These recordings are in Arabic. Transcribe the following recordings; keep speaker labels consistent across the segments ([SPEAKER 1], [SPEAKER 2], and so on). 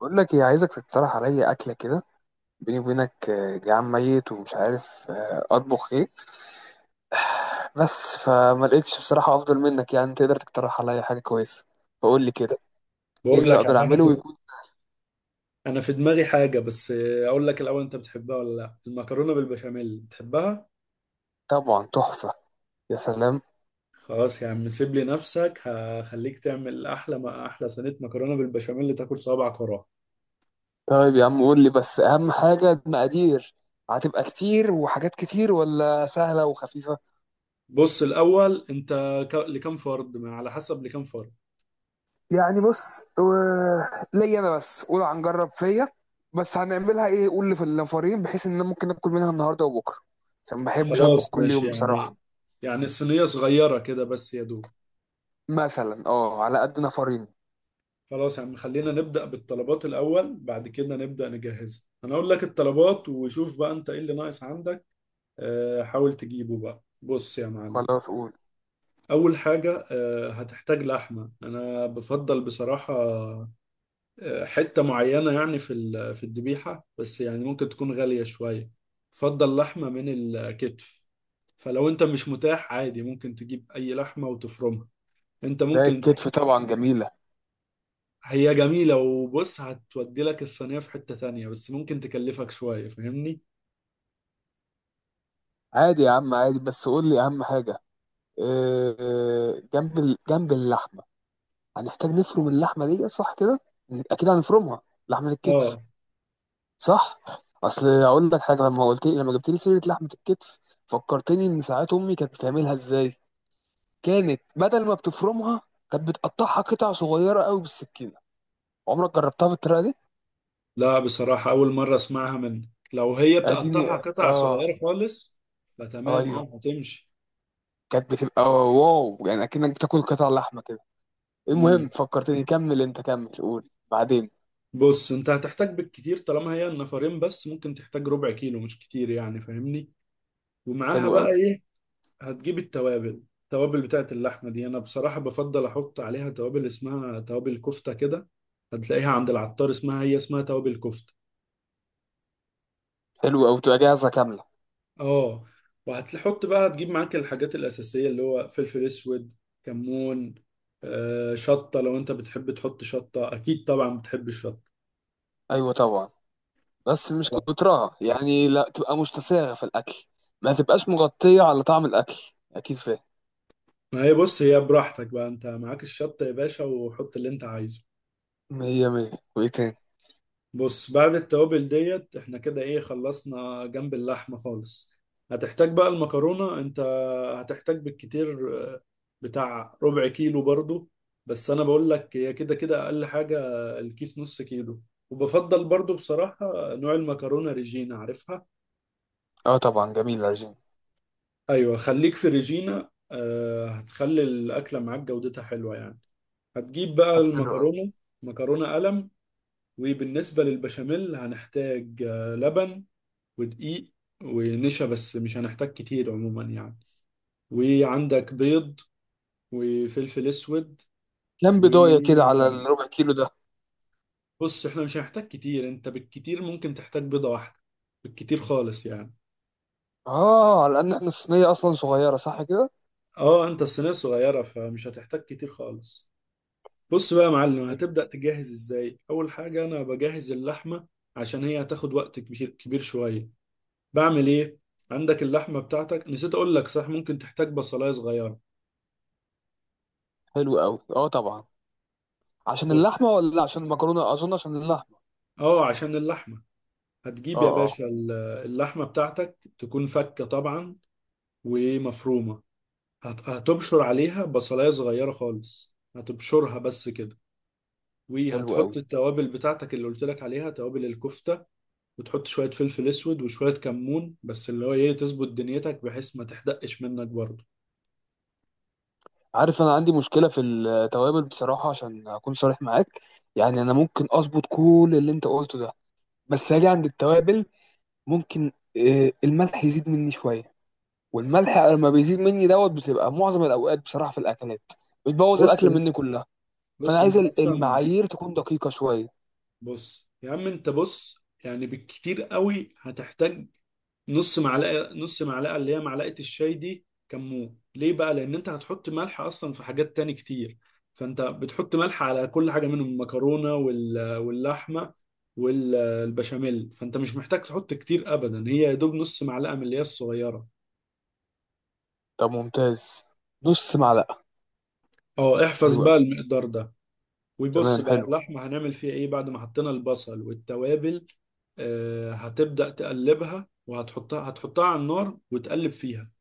[SPEAKER 1] بقول لك ايه؟ عايزك تقترح عليا اكله كده. بيني وبينك جعان ميت ومش عارف اطبخ ايه. بس فما لقيتش بصراحه افضل منك، يعني تقدر تقترح عليا حاجه كويسه. فقول لي كده. ايه
[SPEAKER 2] بقول
[SPEAKER 1] اللي
[SPEAKER 2] لك.
[SPEAKER 1] اقدر
[SPEAKER 2] أما انا
[SPEAKER 1] اعمله
[SPEAKER 2] في
[SPEAKER 1] ويكون؟
[SPEAKER 2] انا في دماغي حاجه، بس اقول لك الاول، انت بتحبها ولا لا؟ المكرونه بالبشاميل بتحبها.
[SPEAKER 1] طبعا تحفه. يا سلام.
[SPEAKER 2] خلاص يا عم، سيب لي نفسك، هخليك تعمل احلى ما احلى صينيه مكرونه بالبشاميل اللي تاكل صوابعك وراها.
[SPEAKER 1] طيب يا عم، قول لي بس اهم حاجه المقادير. هتبقى كتير وحاجات كتير ولا سهله وخفيفه؟
[SPEAKER 2] بص الاول انت لكام فرد؟ ما على حسب لكام فرد.
[SPEAKER 1] يعني بص، ليا انا بس، قول هنجرب فيا. بس هنعملها ايه؟ قول لي في النفرين، بحيث ان انا ممكن اكل منها النهارده وبكره، عشان ما بحبش اطبخ
[SPEAKER 2] خلاص
[SPEAKER 1] كل
[SPEAKER 2] ماشي،
[SPEAKER 1] يوم
[SPEAKER 2] يعني
[SPEAKER 1] بصراحه.
[SPEAKER 2] يعني الصينيه صغيره كده بس يا دوب.
[SPEAKER 1] مثلا على قد نفرين.
[SPEAKER 2] خلاص يا عم، خلينا نبدا بالطلبات الاول، بعد كده نبدا نجهزها. انا اقول لك الطلبات، وشوف بقى انت ايه اللي ناقص عندك. حاول تجيبه. بقى بص يا معلم،
[SPEAKER 1] خلاص قول.
[SPEAKER 2] أول حاجة هتحتاج لحمة. أنا بفضل بصراحة حتة معينة يعني في الذبيحة، بس يعني ممكن تكون غالية شوية. بفضل لحمة من الكتف، فلو أنت مش متاح عادي، ممكن تجيب أي لحمة وتفرمها. أنت
[SPEAKER 1] ده
[SPEAKER 2] ممكن ت...
[SPEAKER 1] الكتف طبعا جميله.
[SPEAKER 2] هي جميلة، وبص هتودي لك الصينية في حتة تانية، بس ممكن تكلفك شوية، فاهمني؟
[SPEAKER 1] عادي يا عم عادي، بس قول لي اهم حاجه. جنب جنب اللحمه. هنحتاج نفرم اللحمه دي، صح كده؟ اكيد هنفرمها. لحمه الكتف،
[SPEAKER 2] اه.
[SPEAKER 1] صح. اصل اقول لك حاجه، لما قلت لي، لما جبت لي سيره لحمه الكتف، فكرتني ان ساعات امي كانت بتعملها ازاي. كانت بدل ما بتفرمها، كانت بتقطعها قطع صغيره قوي بالسكينه. عمرك جربتها بالطريقه دي؟
[SPEAKER 2] لا بصراحة أول مرة أسمعها منك. لو هي بتقطعها
[SPEAKER 1] اديني
[SPEAKER 2] قطع
[SPEAKER 1] اه.
[SPEAKER 2] صغيرة خالص، فتمام
[SPEAKER 1] ايوه.
[SPEAKER 2] أه هتمشي.
[SPEAKER 1] كانت بتبقى واو يعني، اكنك بتاكل قطع لحمه كده. المهم
[SPEAKER 2] مم.
[SPEAKER 1] فكرتني، كمل انت كمل، قول بعدين.
[SPEAKER 2] بص أنت هتحتاج بالكتير، طالما هي النفرين بس، ممكن تحتاج ربع كيلو، مش كتير يعني، فاهمني. ومعاها
[SPEAKER 1] حلو قوي.
[SPEAKER 2] بقى إيه؟ هتجيب التوابل. التوابل بتاعت اللحمة دي، أنا بصراحة بفضل أحط عليها توابل اسمها توابل كفتة كده. هتلاقيها عند العطار، اسمها هي اسمها توابل كفتة.
[SPEAKER 1] حلو قوي، تبقى جاهزه كامله.
[SPEAKER 2] اه. وهتحط بقى، هتجيب معاك الحاجات الأساسية، اللي هو فلفل أسود، كمون، شطة لو أنت بتحب تحط شطة، أكيد طبعا بتحب الشطة.
[SPEAKER 1] ايوه طبعا، بس مش كترها يعني، لا تبقى مشتساغة في الأكل. ما تبقاش مغطية على طعم الأكل. أكيد فاهم.
[SPEAKER 2] ما هي بص، هي براحتك بقى، أنت معاك الشطة يا باشا، وحط اللي أنت عايزه.
[SPEAKER 1] مية مية. وإيه تاني؟
[SPEAKER 2] بص بعد التوابل ديت، احنا كده ايه، خلصنا جنب اللحمة خالص. هتحتاج بقى المكرونة. انت هتحتاج بالكتير بتاع ربع كيلو برضو، بس انا بقول لك هي كده كده اقل حاجة الكيس نص كيلو. وبفضل برضو بصراحة نوع المكرونة ريجينا، عارفها؟
[SPEAKER 1] أه طبعا، جميل العجين.
[SPEAKER 2] ايوه، خليك في ريجينا، هتخلي الاكلة معاك جودتها حلوة يعني. هتجيب بقى
[SPEAKER 1] طب حلو أوي.
[SPEAKER 2] المكرونة، مكرونة قلم. وبالنسبة للبشاميل، هنحتاج لبن، ودقيق، ونشا، بس مش هنحتاج كتير عموما يعني. وعندك بيض، وفلفل اسود،
[SPEAKER 1] كام بداية كده على
[SPEAKER 2] وملح.
[SPEAKER 1] الربع كيلو ده؟
[SPEAKER 2] بص احنا مش هنحتاج كتير، انت بالكتير ممكن تحتاج بيضة واحدة، بالكتير خالص يعني.
[SPEAKER 1] أه على إن إحنا الصينية أصلا صغيرة، صح كده؟
[SPEAKER 2] اه انت الصينية صغيرة، فمش هتحتاج كتير خالص. بص بقى يا معلم،
[SPEAKER 1] حلو.
[SPEAKER 2] هتبدأ تجهز ازاي. اول حاجة انا بجهز اللحمة، عشان هي هتاخد وقت كبير شوية. بعمل ايه؟ عندك اللحمة بتاعتك، نسيت اقول لك، صح ممكن تحتاج بصلاية صغيرة.
[SPEAKER 1] حلو أوي، أه طبعا. عشان
[SPEAKER 2] بص،
[SPEAKER 1] اللحمة ولا عشان المكرونة؟ أظن عشان اللحمة.
[SPEAKER 2] اه عشان اللحمة. هتجيب يا
[SPEAKER 1] أه أه.
[SPEAKER 2] باشا اللحمة بتاعتك تكون فكة طبعا، ومفرومة. هتبشر عليها بصلاية صغيرة خالص، هتبشرها بس كده.
[SPEAKER 1] حلو أوي.
[SPEAKER 2] وهتحط التوابل بتاعتك اللي قلت لك عليها، توابل الكفتة. وتحط شوية فلفل اسود، وشوية كمون، بس اللي هو ايه، تظبط دنيتك بحيث ما تحدقش منك برضه.
[SPEAKER 1] عارف، أنا عندي مشكلة في التوابل بصراحة، عشان أكون صريح معاك. يعني أنا ممكن أظبط كل اللي أنت قلته ده، بس هاجي عند التوابل. ممكن الملح يزيد مني شويه، والملح لما بيزيد مني دوت بتبقى معظم الاوقات بصراحه في الاكلات، بتبوظ
[SPEAKER 2] بص
[SPEAKER 1] الاكله مني كلها. فانا
[SPEAKER 2] بص
[SPEAKER 1] عايز
[SPEAKER 2] انت اصلا
[SPEAKER 1] المعايير تكون دقيقه شويه.
[SPEAKER 2] بص يا عم، انت بص يعني، بالكتير قوي هتحتاج نص معلقه اللي هي معلقه الشاي دي. كمون ليه بقى؟ لان انت هتحط ملح اصلا في حاجات تاني كتير، فانت بتحط ملح على كل حاجه منهم، المكرونه، واللحمه، والبشاميل، فانت مش محتاج تحط كتير ابدا، هي يا دوب نص معلقه من اللي هي الصغيره.
[SPEAKER 1] طب ممتاز. نص معلقه.
[SPEAKER 2] اه احفظ
[SPEAKER 1] حلو
[SPEAKER 2] بقى
[SPEAKER 1] قوي.
[SPEAKER 2] المقدار ده. ويبص
[SPEAKER 1] تمام
[SPEAKER 2] بقى
[SPEAKER 1] حلو.
[SPEAKER 2] اللحمه، هنعمل فيها ايه بعد ما حطينا البصل والتوابل؟ هتبدأ تقلبها، هتحطها على النار وتقلب فيها.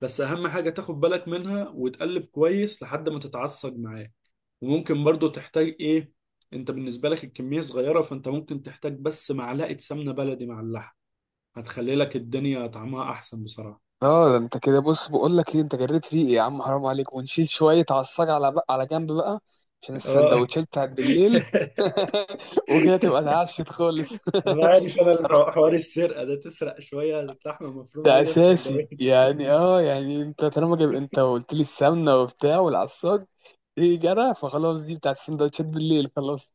[SPEAKER 2] بس اهم حاجة تاخد بالك منها، وتقلب كويس لحد ما تتعصج معاه. وممكن برضو تحتاج ايه، انت بالنسبة لك الكمية صغيرة، فانت ممكن تحتاج بس معلقة سمنة بلدي مع اللحم، هتخلي لك الدنيا طعمها احسن بصراحة.
[SPEAKER 1] اه ده انت كده بص، بقول لك ايه، انت جريت ريقي يا عم، حرام عليك، ونشيل شويه عصاج على على جنب بقى، عشان
[SPEAKER 2] اه.
[SPEAKER 1] السندوتشات بتاعت بالليل. وكده تبقى اتعشت خالص.
[SPEAKER 2] انا عارف، انا
[SPEAKER 1] بصراحه.
[SPEAKER 2] حوار السرقه ده، تسرق شويه لحمه مفرومه
[SPEAKER 1] ده
[SPEAKER 2] كده في
[SPEAKER 1] اساسي
[SPEAKER 2] سندوتش.
[SPEAKER 1] يعني، يعني انت طالما جايب، انت قلت لي السمنه وبتاع والعصاج، ايه جرى، فخلاص دي بتاعت السندوتشات بالليل، خلاص.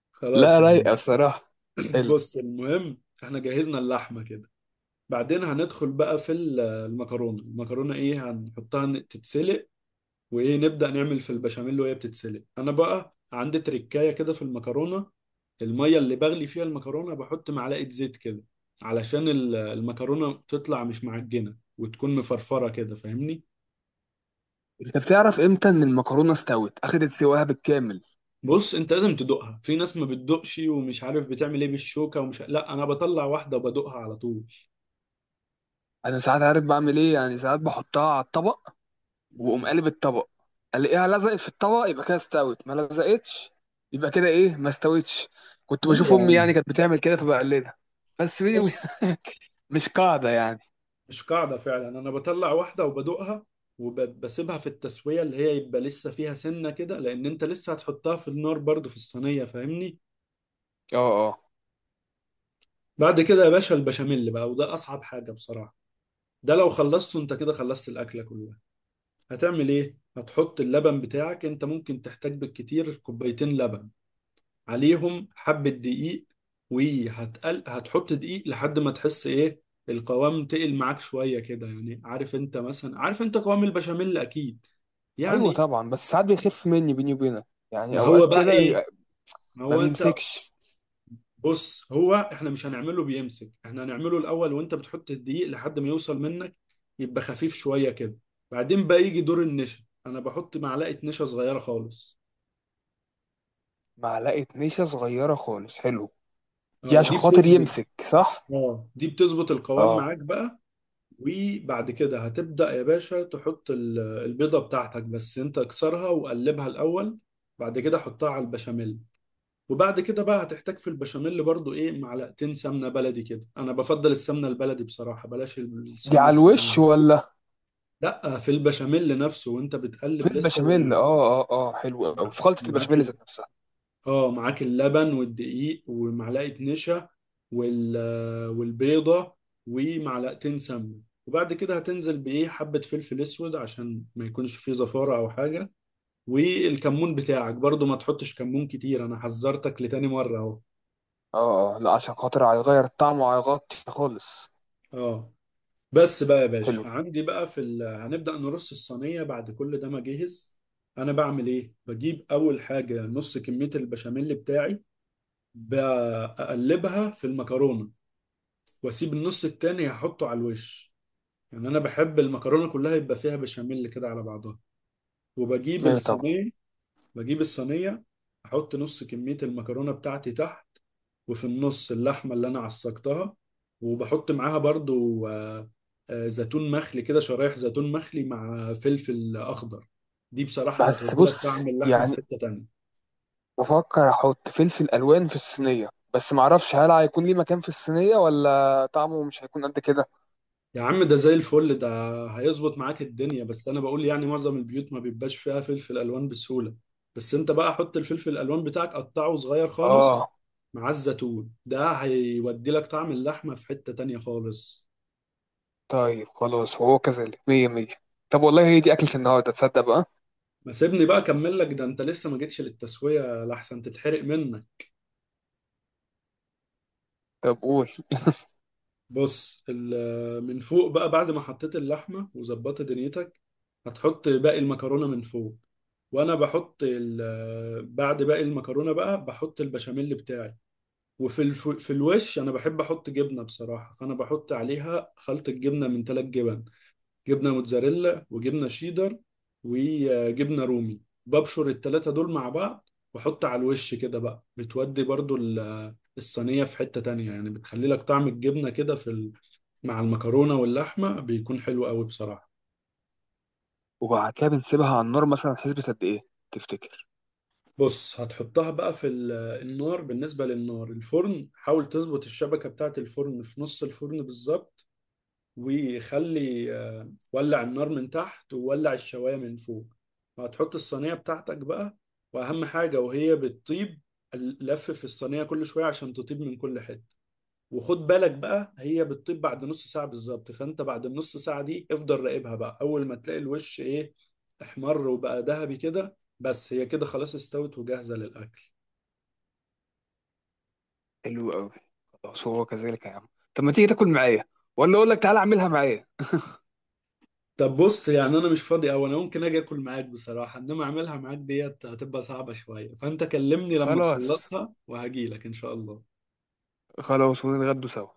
[SPEAKER 2] خلاص
[SPEAKER 1] لا
[SPEAKER 2] يعني.
[SPEAKER 1] رايقه بصراحه. حلو.
[SPEAKER 2] بص المهم احنا جهزنا اللحمة كده. بعدين هندخل بقى في المكرونة. المكرونة ايه، هنحطها تتسلق. وايه، نبدأ نعمل في البشاميل وهي بتتسلق. انا بقى عندي تركاية كده في المكرونة، المية اللي بغلي فيها المكرونة بحط معلقة زيت كده، علشان المكرونة تطلع مش معجنة وتكون مفرفرة كده، فاهمني.
[SPEAKER 1] انت بتعرف امتى ان المكرونه استوت، اخدت سواها بالكامل؟
[SPEAKER 2] بص انت لازم تدوقها. في ناس ما بتدوقش ومش عارف بتعمل ايه بالشوكة ومش، لا انا بطلع واحدة وبدوقها على طول.
[SPEAKER 1] انا ساعات عارف بعمل ايه يعني، ساعات بحطها على الطبق، واقوم
[SPEAKER 2] مم.
[SPEAKER 1] قالب الطبق. الاقيها لزقت في الطبق يبقى كده استوت، ما لزقتش يبقى كده ايه، ما استوتش. كنت
[SPEAKER 2] لا
[SPEAKER 1] بشوف
[SPEAKER 2] يا
[SPEAKER 1] امي
[SPEAKER 2] عم،
[SPEAKER 1] يعني كانت بتعمل كده فبقلدها. بس دي
[SPEAKER 2] بص
[SPEAKER 1] مش قاعده يعني.
[SPEAKER 2] مش قاعدة فعلا، أنا بطلع واحدة وبدوقها، وبسيبها في التسوية اللي هي يبقى لسه فيها سنة كده، لأن أنت لسه هتحطها في النار برضو في الصينية، فاهمني.
[SPEAKER 1] اه اه.
[SPEAKER 2] بعد كده يا باشا البشاميل بقى، وده أصعب حاجة بصراحة، ده لو خلصته أنت كده خلصت الأكلة كلها. هتعمل إيه؟ هتحط اللبن بتاعك، أنت ممكن تحتاج بالكتير كوبايتين لبن، عليهم حبة دقيق. هتحط دقيق لحد ما تحس إيه، القوام تقل معاك شوية كده يعني. عارف أنت مثلا، عارف أنت قوام البشاميل أكيد
[SPEAKER 1] ايوه
[SPEAKER 2] يعني.
[SPEAKER 1] طبعا، بس ساعات بيخف مني بيني وبينك. يعني
[SPEAKER 2] ما
[SPEAKER 1] اوقات
[SPEAKER 2] هو بقى
[SPEAKER 1] كده
[SPEAKER 2] ايه
[SPEAKER 1] بيبقى
[SPEAKER 2] ما
[SPEAKER 1] ما
[SPEAKER 2] هو انت
[SPEAKER 1] بيمسكش.
[SPEAKER 2] بص هو احنا مش هنعمله بيمسك، احنا هنعمله الاول، وانت بتحط الدقيق لحد ما يوصل منك، يبقى خفيف شوية كده. بعدين بقى يجي دور النشا، انا بحط معلقة نشا صغيرة خالص.
[SPEAKER 1] معلقه نشا صغيره خالص، حلو. دي
[SPEAKER 2] اه
[SPEAKER 1] عشان
[SPEAKER 2] دي
[SPEAKER 1] خاطر
[SPEAKER 2] بتظبط
[SPEAKER 1] يمسك، صح.
[SPEAKER 2] اه دي بتظبط القوام
[SPEAKER 1] اه.
[SPEAKER 2] معاك بقى. وبعد كده هتبدأ يا باشا تحط البيضة بتاعتك، بس انت اكسرها وقلبها الاول، بعد كده حطها على البشاميل. وبعد كده بقى هتحتاج في البشاميل برضو ايه، معلقتين سمنه بلدي كده. انا بفضل السمنه البلدي بصراحه، بلاش
[SPEAKER 1] دي
[SPEAKER 2] السمنه
[SPEAKER 1] على
[SPEAKER 2] الصينيه.
[SPEAKER 1] الوش ولا
[SPEAKER 2] لا في البشاميل نفسه وانت بتقلب
[SPEAKER 1] في
[SPEAKER 2] لسه.
[SPEAKER 1] البشاميل؟ اه اه اه حلو قوي، في خلطه
[SPEAKER 2] معاك
[SPEAKER 1] البشاميل
[SPEAKER 2] ال...
[SPEAKER 1] ذات نفسها.
[SPEAKER 2] اه معاك اللبن والدقيق ومعلقه نشا، وال... والبيضه، ومعلقتين سمنه. وبعد كده هتنزل بايه، حبه فلفل اسود عشان ما يكونش فيه زفاره او حاجه. والكمون بتاعك برضو ما تحطش كمون كتير، انا حذرتك لتاني مره اهو.
[SPEAKER 1] اه اه، لا عشان خاطر هيغير الطعم وهيغطي خالص.
[SPEAKER 2] اه. بس بقى يا
[SPEAKER 1] حلو.
[SPEAKER 2] باشا عندي بقى هنبدأ نرص الصينية بعد كل ده ما اجهز. انا بعمل ايه، بجيب اول حاجة نص كمية البشاميل بتاعي، بقلبها في المكرونة، واسيب النص التاني هحطه على الوش. يعني انا بحب المكرونة كلها يبقى فيها بشاميل كده على بعضها. وبجيب
[SPEAKER 1] ايوه طبعا.
[SPEAKER 2] الصينية. بجيب الصينية، أحط نص كمية المكرونة بتاعتي تحت، وفي النص اللحمة اللي أنا عصقتها. وبحط معاها برضو زيتون مخلي كده، شرايح زيتون مخلي مع فلفل أخضر. دي بصراحة
[SPEAKER 1] بس
[SPEAKER 2] هتودي لك
[SPEAKER 1] بص
[SPEAKER 2] طعم اللحمة في
[SPEAKER 1] يعني،
[SPEAKER 2] حتة تانية.
[SPEAKER 1] بفكر احط فلفل الوان في الصينيه، بس معرفش هل هيكون ليه مكان في الصينيه ولا طعمه مش هيكون قد كده.
[SPEAKER 2] يا عم ده زي الفل، ده هيظبط معاك الدنيا، بس أنا بقول يعني معظم البيوت ما بيبقاش فيها فلفل ألوان بسهولة. بس أنت بقى حط الفلفل الألوان بتاعك قطعه صغير خالص،
[SPEAKER 1] اه
[SPEAKER 2] مع الزيتون، ده هيودي لك طعم اللحمة في حتة تانية خالص.
[SPEAKER 1] طيب خلاص، هو كذلك مية مية. طب والله هي دي أكلة النهاردة، تصدق بقى.
[SPEAKER 2] ما سيبني بقى اكمل لك ده، انت لسه ما جيتش للتسويه لحسن تتحرق منك.
[SPEAKER 1] طب قول.
[SPEAKER 2] بص من فوق بقى بعد ما حطيت اللحمه وظبطت دنيتك، هتحط باقي المكرونه من فوق. وانا بحط بعد باقي المكرونه بقى بحط البشاميل بتاعي. في الوش انا بحب احط جبنه بصراحه، فانا بحط عليها خلطه جبنه من ثلاث جبن، جبنه موتزاريلا، وجبنه شيدر، وجبنه رومي. ببشر التلاتة دول مع بعض واحط على الوش كده بقى، بتودي برضو الصينية في حتة تانية يعني، بتخلي لك طعم الجبنة كده مع المكرونة واللحمة، بيكون حلو قوي بصراحة.
[SPEAKER 1] وبعد كده بنسيبها على النار مثلا، حسبة قد إيه تفتكر؟
[SPEAKER 2] بص هتحطها بقى النار. بالنسبة للنار، الفرن حاول تظبط الشبكة بتاعة الفرن في نص الفرن بالظبط، وخلي ولع النار من تحت وولع الشواية من فوق. وهتحط الصينية بتاعتك بقى. وأهم حاجة وهي بتطيب، لف في الصينية كل شوية عشان تطيب من كل حتة. وخد بالك بقى هي بتطيب بعد نص ساعة بالظبط، فأنت بعد النص ساعة دي افضل راقبها بقى، أول ما تلاقي الوش إيه، احمر وبقى ذهبي كده، بس هي كده خلاص استوت وجاهزة للأكل.
[SPEAKER 1] حلو أوي. خلاص هو كذلك يا عم. طب ما تيجي تاكل معايا، ولا أقول لك تعالى أعملها معايا؟
[SPEAKER 2] طب بص يعني، انا مش فاضي، او انا ممكن اجي اكل معاك بصراحه، انما اعملها معاك ديت هتبقى صعبه شويه. فانت كلمني لما
[SPEAKER 1] خلاص.
[SPEAKER 2] تخلصها وهجيلك ان شاء الله.
[SPEAKER 1] خلاص ونتغدوا سوا.